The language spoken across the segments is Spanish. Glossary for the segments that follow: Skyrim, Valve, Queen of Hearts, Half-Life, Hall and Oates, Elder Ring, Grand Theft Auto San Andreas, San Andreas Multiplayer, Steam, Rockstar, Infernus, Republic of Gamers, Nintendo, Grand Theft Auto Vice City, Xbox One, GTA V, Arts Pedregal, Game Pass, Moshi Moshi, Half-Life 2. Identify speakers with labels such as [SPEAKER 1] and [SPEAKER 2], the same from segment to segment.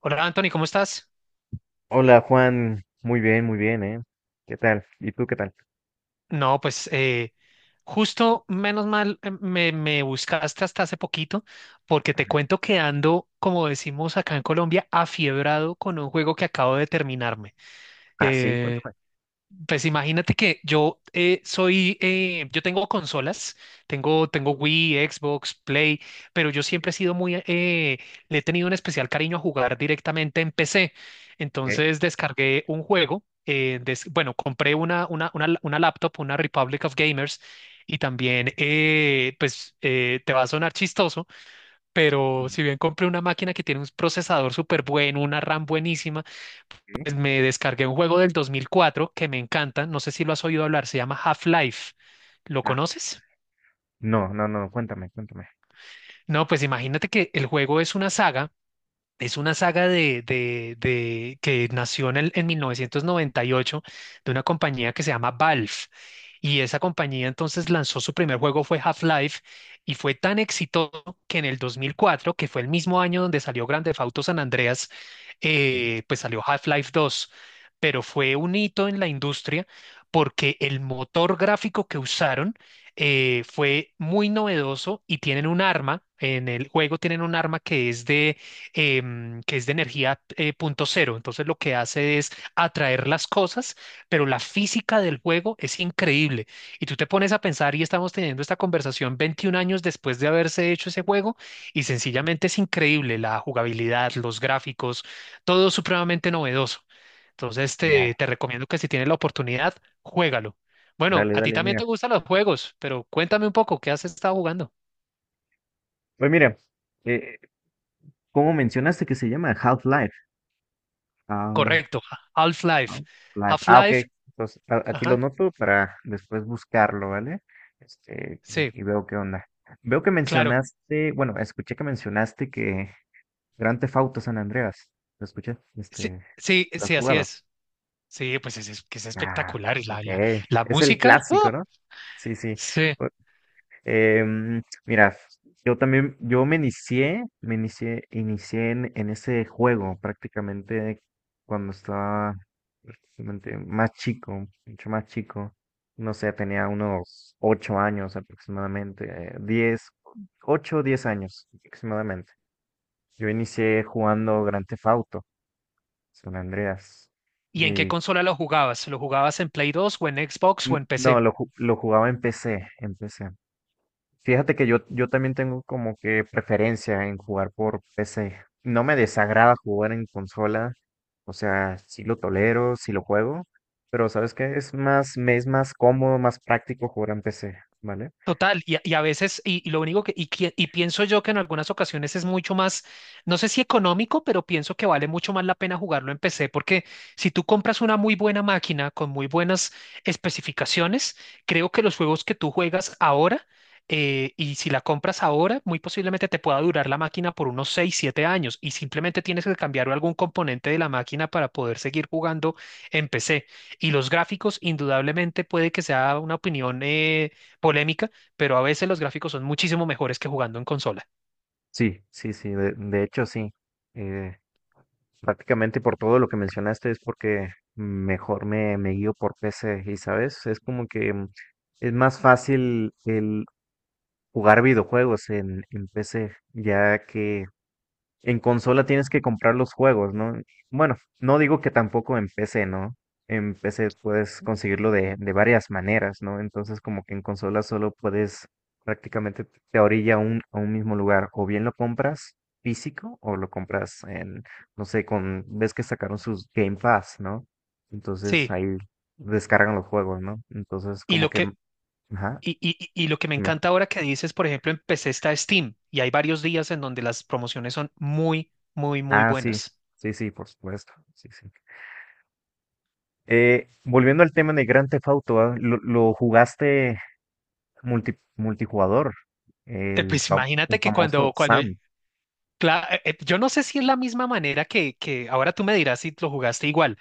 [SPEAKER 1] Hola Anthony, ¿cómo estás?
[SPEAKER 2] Hola Juan, muy bien, ¿eh? ¿Qué tal? ¿Y tú qué tal?
[SPEAKER 1] No, pues justo menos mal me buscaste hasta hace poquito porque te cuento que ando, como decimos acá en Colombia, afiebrado con un juego que acabo de terminarme.
[SPEAKER 2] Ah, sí,
[SPEAKER 1] Eh,
[SPEAKER 2] cuéntame.
[SPEAKER 1] Pues imagínate que yo yo tengo consolas, tengo Wii, Xbox, Play, pero yo siempre
[SPEAKER 2] ¿Qué?
[SPEAKER 1] he sido le he tenido un especial cariño a jugar directamente en PC.
[SPEAKER 2] ¿Qué?
[SPEAKER 1] Entonces descargué un juego, bueno, compré una laptop, una Republic of Gamers, y también, te va a sonar chistoso,
[SPEAKER 2] Mm.
[SPEAKER 1] pero si bien compré una máquina que tiene un procesador súper bueno, una RAM buenísima,
[SPEAKER 2] ¿Qué?
[SPEAKER 1] pues, me descargué un juego del 2004 que me encanta, no sé si lo has oído hablar, se llama Half-Life. ¿Lo
[SPEAKER 2] Ah,
[SPEAKER 1] conoces?
[SPEAKER 2] no, no, no, cuéntame, cuéntame.
[SPEAKER 1] No, pues imagínate que el juego es una saga. Es una saga que nació en 1998, de una compañía que se llama Valve. Y esa compañía entonces lanzó su primer juego, fue Half-Life, y fue tan exitoso que en el 2004, que fue el mismo año donde salió Grand Theft Auto San Andreas,
[SPEAKER 2] Sí.
[SPEAKER 1] pues salió Half-Life dos. Pero fue un hito en la industria porque el motor gráfico que usaron fue muy novedoso, y tienen un arma, en el juego tienen un arma que es de que es de energía punto cero. Entonces lo que hace es atraer las cosas, pero la física del juego es increíble. Y tú te pones a pensar y estamos teniendo esta conversación 21 años después de haberse hecho ese juego, y sencillamente es increíble la jugabilidad, los gráficos, todo supremamente novedoso. Entonces
[SPEAKER 2] Ya.
[SPEAKER 1] te recomiendo que si tienes la oportunidad, juégalo. Bueno,
[SPEAKER 2] Dale,
[SPEAKER 1] a ti
[SPEAKER 2] dale,
[SPEAKER 1] también
[SPEAKER 2] mira.
[SPEAKER 1] te gustan los juegos, pero cuéntame un poco, ¿qué has estado jugando?
[SPEAKER 2] Pues mira, eh, ¿cómo mencionaste que se llama Half-Life? Ah,
[SPEAKER 1] Correcto,
[SPEAKER 2] ah,
[SPEAKER 1] Half-Life.
[SPEAKER 2] live. Ah, ok.
[SPEAKER 1] Half-Life,
[SPEAKER 2] Entonces, aquí lo
[SPEAKER 1] ajá.
[SPEAKER 2] noto para después buscarlo, ¿vale? Este,
[SPEAKER 1] Sí,
[SPEAKER 2] y veo qué onda. Veo que
[SPEAKER 1] claro.
[SPEAKER 2] mencionaste, bueno, escuché que mencionaste que Grand Theft Auto San Andreas. ¿Lo escuché?
[SPEAKER 1] Sí,
[SPEAKER 2] Este,
[SPEAKER 1] sí,
[SPEAKER 2] ¿lo has
[SPEAKER 1] sí, así
[SPEAKER 2] jugado?
[SPEAKER 1] es. Sí, pues es que es
[SPEAKER 2] Ah,
[SPEAKER 1] espectacular.
[SPEAKER 2] ok.
[SPEAKER 1] La
[SPEAKER 2] Es el
[SPEAKER 1] música.
[SPEAKER 2] clásico,
[SPEAKER 1] ¡Ah!
[SPEAKER 2] ¿no? Sí, sí.
[SPEAKER 1] Sí.
[SPEAKER 2] Bu- Mira, yo también, yo inicié en ese juego prácticamente cuando estaba prácticamente más chico, mucho más chico. No sé, tenía unos 8 años aproximadamente, 10, 8 o 10 años aproximadamente. Yo inicié jugando Grand Theft Auto, San Andreas.
[SPEAKER 1] ¿Y en qué consola lo jugabas? ¿Lo jugabas en Play 2 o en Xbox o en
[SPEAKER 2] No,
[SPEAKER 1] PC?
[SPEAKER 2] lo jugaba en PC, en PC. Fíjate que yo también tengo como que preferencia en jugar por PC. No me desagrada jugar en consola, o sea, sí lo tolero, sí lo juego, pero ¿sabes qué? Es más, me es más cómodo, más práctico jugar en PC, ¿vale?
[SPEAKER 1] Total, y a veces, y lo único y pienso yo que en algunas ocasiones es mucho más, no sé si económico, pero pienso que vale mucho más la pena jugarlo en PC, porque si tú compras una muy buena máquina con muy buenas especificaciones, creo que los juegos que tú juegas ahora, y si la compras ahora, muy posiblemente te pueda durar la máquina por unos 6 7 años, y simplemente tienes que cambiar algún componente de la máquina para poder seguir jugando en PC. Y los gráficos, indudablemente, puede que sea una opinión polémica, pero a veces los gráficos son muchísimo mejores que jugando en consola.
[SPEAKER 2] Sí, sí, sí, de hecho sí. Eh, Prácticamente por todo lo que mencionaste es porque mejor me guío por PC y, ¿sabes? Es como que es más fácil el jugar videojuegos en PC, ya que en consola tienes que comprar los juegos, ¿no? Bueno, no digo que tampoco en PC, ¿no? En PC puedes conseguirlo de varias maneras, ¿no? Entonces como que en consola solo puedes prácticamente te orilla a un mismo lugar, o bien lo compras físico o lo compras en, no sé, con, ves que sacaron sus Game Pass, ¿no? Entonces
[SPEAKER 1] Sí,
[SPEAKER 2] ahí descargan los juegos, ¿no? Entonces
[SPEAKER 1] y
[SPEAKER 2] como
[SPEAKER 1] lo
[SPEAKER 2] que,
[SPEAKER 1] que,
[SPEAKER 2] ajá.
[SPEAKER 1] y lo que me encanta ahora que dices, por ejemplo, en PC está Steam y hay varios días en donde las promociones son muy, muy, muy
[SPEAKER 2] Ah, sí,
[SPEAKER 1] buenas.
[SPEAKER 2] sí, sí, por supuesto. Sí, sí. Volviendo al tema de Grand Theft Auto, lo jugaste multijugador,
[SPEAKER 1] Pues imagínate
[SPEAKER 2] el
[SPEAKER 1] que
[SPEAKER 2] famoso Sam.
[SPEAKER 1] yo no sé si es la misma manera que ahora tú me dirás si lo jugaste igual.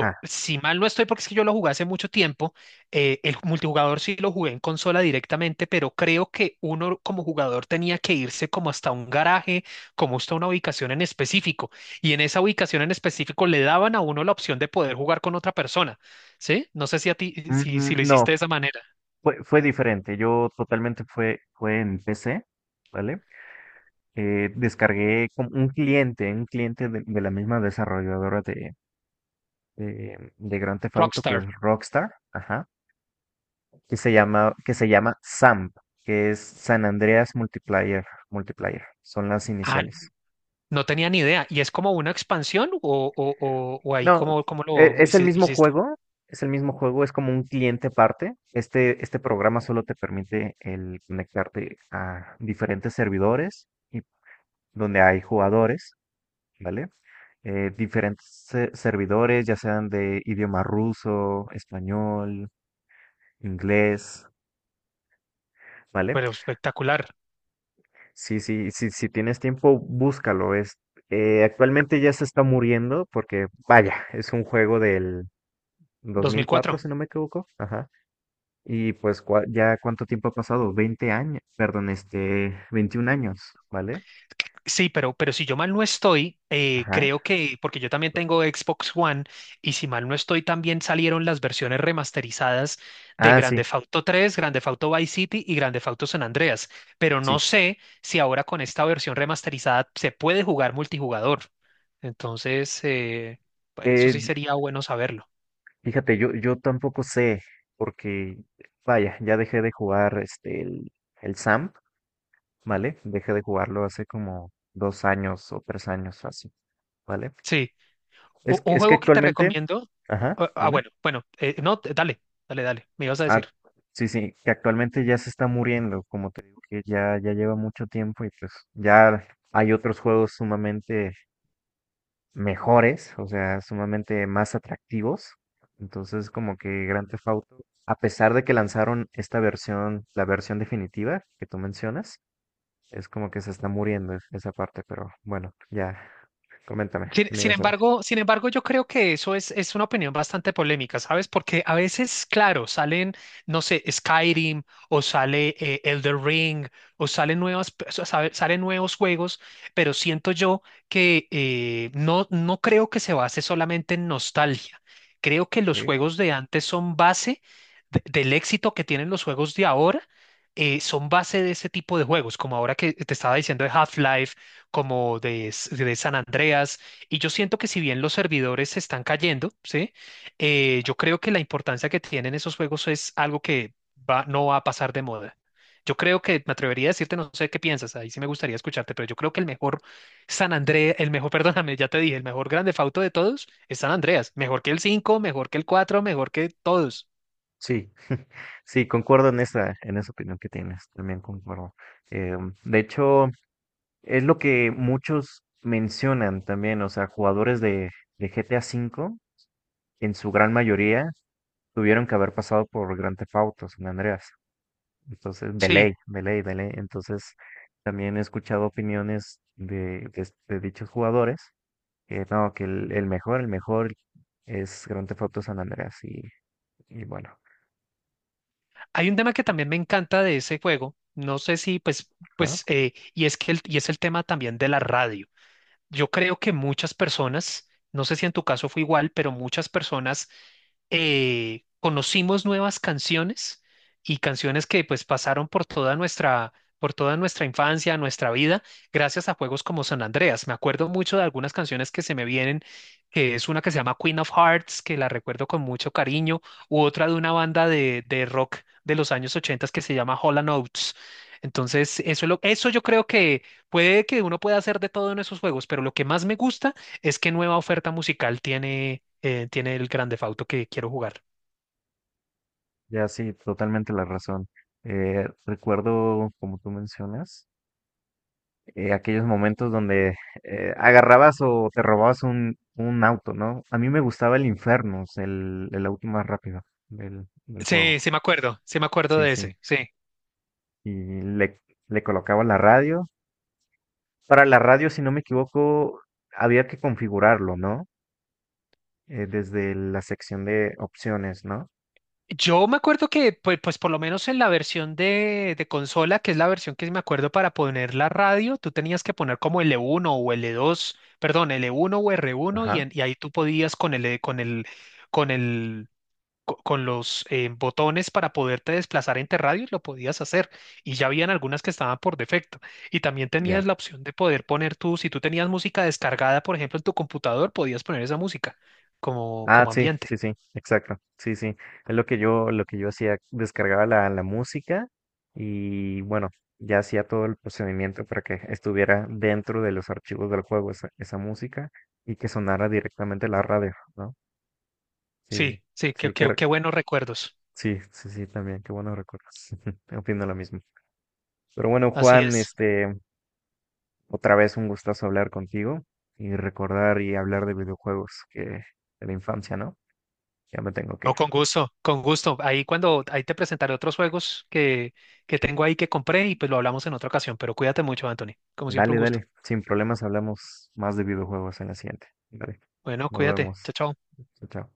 [SPEAKER 2] Ja.
[SPEAKER 1] si mal no estoy, porque es que yo lo jugué hace mucho tiempo, el multijugador sí lo jugué en consola directamente, pero creo que uno como jugador tenía que irse como hasta un garaje, como hasta una ubicación en específico, y en esa ubicación en específico le daban a uno la opción de poder jugar con otra persona, ¿sí? No sé si a ti, si lo
[SPEAKER 2] No,
[SPEAKER 1] hiciste de esa manera.
[SPEAKER 2] fue diferente. Yo totalmente fue en PC, ¿vale? Descargué como un cliente de la misma desarrolladora de Grand Theft Auto, que es
[SPEAKER 1] Rockstar.
[SPEAKER 2] Rockstar. Ajá. Que se llama SAMP, que es San Andreas Multiplayer, Multiplayer, son las
[SPEAKER 1] Ah,
[SPEAKER 2] iniciales.
[SPEAKER 1] no tenía ni idea. ¿Y es como una expansión o ahí
[SPEAKER 2] No,
[SPEAKER 1] cómo lo
[SPEAKER 2] es el mismo
[SPEAKER 1] hiciste?
[SPEAKER 2] juego, es el mismo juego, es como un cliente aparte. Este programa solo te permite el conectarte a diferentes servidores y donde hay jugadores, ¿vale? Diferentes servidores, ya sean de idioma ruso, español, inglés, ¿vale?
[SPEAKER 1] Pero espectacular.
[SPEAKER 2] Sí, sí, sí, si tienes tiempo, búscalo. Actualmente ya se está muriendo porque, vaya, es un juego del 2004
[SPEAKER 1] 2004.
[SPEAKER 2] si no me equivoco. Ajá. Y pues ya cuánto tiempo ha pasado, 20 años, perdón, este, 21 años, ¿vale?
[SPEAKER 1] Sí, pero si yo mal no estoy,
[SPEAKER 2] Ajá.
[SPEAKER 1] creo que, porque yo también tengo Xbox One, y si mal no estoy, también salieron las versiones remasterizadas de
[SPEAKER 2] Ah,
[SPEAKER 1] Grand
[SPEAKER 2] sí,
[SPEAKER 1] Theft Auto 3, Grand Theft Auto Vice City y Grand Theft Auto San Andreas. Pero no
[SPEAKER 2] sí.
[SPEAKER 1] sé si ahora con esta versión remasterizada se puede jugar multijugador. Entonces, pues eso
[SPEAKER 2] Eh,
[SPEAKER 1] sí
[SPEAKER 2] y-
[SPEAKER 1] sería bueno saberlo.
[SPEAKER 2] Fíjate, yo tampoco sé porque, vaya, ya dejé de jugar este, el SAMP, ¿vale? Dejé de jugarlo hace como 2 años o 3 años, así. ¿Vale?
[SPEAKER 1] Sí, U- un
[SPEAKER 2] Es que
[SPEAKER 1] juego que te
[SPEAKER 2] actualmente,
[SPEAKER 1] recomiendo.
[SPEAKER 2] ajá, dime.
[SPEAKER 1] Bueno, no, dale, dale, dale, me ibas a
[SPEAKER 2] Ah,
[SPEAKER 1] decir.
[SPEAKER 2] sí, sí, que actualmente ya se está muriendo, como te digo, que ya lleva mucho tiempo y pues ya hay otros juegos sumamente mejores, o sea, sumamente más atractivos. Entonces, como que Grand Theft Auto, a pesar de que lanzaron esta versión, la versión definitiva que tú mencionas, es como que se está muriendo esa parte, pero bueno, ya, coméntame,
[SPEAKER 1] Sin,
[SPEAKER 2] ¿qué me
[SPEAKER 1] sin
[SPEAKER 2] ibas a decir?
[SPEAKER 1] embargo, sin embargo, yo creo que eso es una opinión bastante polémica, ¿sabes? Porque a veces, claro, salen, no sé, Skyrim o sale Elder Ring o salen nuevas, pe- o sabe- salen nuevos juegos, pero siento yo que no creo que se base solamente en nostalgia. Creo que los juegos de antes son base del éxito que tienen los juegos de ahora. Eh, son base de ese tipo de juegos, como ahora que te estaba diciendo de Half-Life, como de San Andreas, y yo siento que si bien los servidores se están cayendo, ¿sí? Yo creo que la importancia que tienen esos juegos es algo que no va a pasar de moda. Yo creo que me atrevería a decirte, no sé qué piensas, ahí sí me gustaría escucharte, pero yo creo que el mejor San Andrés, el mejor, perdóname, ya te dije, el mejor grande Theft de todos es San Andreas. Mejor que el cinco, mejor que el cuatro, mejor que todos.
[SPEAKER 2] Sí, sí, concuerdo en esa opinión que tienes, también concuerdo. De hecho, es lo que muchos mencionan también, o sea, jugadores de GTA V, en su gran mayoría, tuvieron que haber pasado por Grand Theft Auto, San Andreas. Entonces, de
[SPEAKER 1] Sí,
[SPEAKER 2] ley, de ley, de ley. Entonces, también he escuchado opiniones de dichos jugadores, que no, que el mejor, el mejor es Grand Theft Auto San Andreas, y bueno.
[SPEAKER 1] hay un tema que también me encanta de ese juego, no sé si, pues,
[SPEAKER 2] ¿Ah?
[SPEAKER 1] pues, y es el tema también de la radio. Yo creo que muchas personas, no sé si en tu caso fue igual, pero muchas personas conocimos nuevas canciones y canciones que pues pasaron por por toda nuestra infancia, nuestra vida, gracias a juegos como San Andreas. Me acuerdo mucho de algunas canciones que se me vienen, que es una que se llama Queen of Hearts, que la recuerdo con mucho cariño, u otra de una banda de rock de los años 80 que se llama Hall and Oates. Entonces, eso yo creo que puede que uno pueda hacer de todo en esos juegos, pero lo que más me gusta es qué nueva oferta musical tiene el Grand Theft Auto que quiero jugar.
[SPEAKER 2] Ya sí, totalmente la razón. Recuerdo, como tú mencionas, aquellos momentos donde agarrabas o te robabas un auto, ¿no? A mí me gustaba el Infernus, el auto más rápido del
[SPEAKER 1] Sí,
[SPEAKER 2] juego.
[SPEAKER 1] sí me acuerdo
[SPEAKER 2] Sí,
[SPEAKER 1] de
[SPEAKER 2] sí.
[SPEAKER 1] ese, sí.
[SPEAKER 2] Y le, le colocaba la radio. Para la radio, si no me equivoco, había que configurarlo, ¿no? Desde la sección de opciones, ¿no?
[SPEAKER 1] Yo me acuerdo que, pues, pues por lo menos en la versión de consola, que es la versión que me acuerdo para poner la radio, tú tenías que poner como l uno o l dos, perdón, l uno o r uno
[SPEAKER 2] Ajá.
[SPEAKER 1] y ahí tú podías con el, con el con los botones para poderte desplazar entre radios, lo podías hacer. Y ya habían algunas que estaban por defecto. Y también tenías
[SPEAKER 2] Ya.
[SPEAKER 1] la opción de poder poner tú, si tú tenías música descargada, por ejemplo, en tu computador, podías poner esa música como,
[SPEAKER 2] Ah,
[SPEAKER 1] como
[SPEAKER 2] sí,
[SPEAKER 1] ambiente.
[SPEAKER 2] sí, sí, exacto. Sí, sí. Es lo que yo hacía, descargaba la música y bueno, ya hacía todo el procedimiento para que estuviera dentro de los archivos del juego esa música y que sonara directamente la radio, ¿no? Sí,
[SPEAKER 1] Sí, sí, qué,
[SPEAKER 2] sí,
[SPEAKER 1] qué, qué buenos recuerdos.
[SPEAKER 2] sí, sí, sí, también, qué buenos recuerdos. Opino lo mismo. Pero bueno,
[SPEAKER 1] Así
[SPEAKER 2] Juan,
[SPEAKER 1] es.
[SPEAKER 2] este, otra vez un gustazo hablar contigo y recordar y hablar de videojuegos que de la infancia, ¿no? Ya me tengo que
[SPEAKER 1] No,
[SPEAKER 2] ir.
[SPEAKER 1] con gusto, con gusto. Ahí te presentaré otros juegos que tengo ahí que compré, y pues lo hablamos en otra ocasión. Pero cuídate mucho, Anthony. Como siempre, un
[SPEAKER 2] Dale,
[SPEAKER 1] gusto.
[SPEAKER 2] dale. Sin problemas hablamos más de videojuegos en la siguiente. Dale.
[SPEAKER 1] Bueno,
[SPEAKER 2] Nos
[SPEAKER 1] cuídate. Chao,
[SPEAKER 2] vemos.
[SPEAKER 1] chao.
[SPEAKER 2] Chao, chao.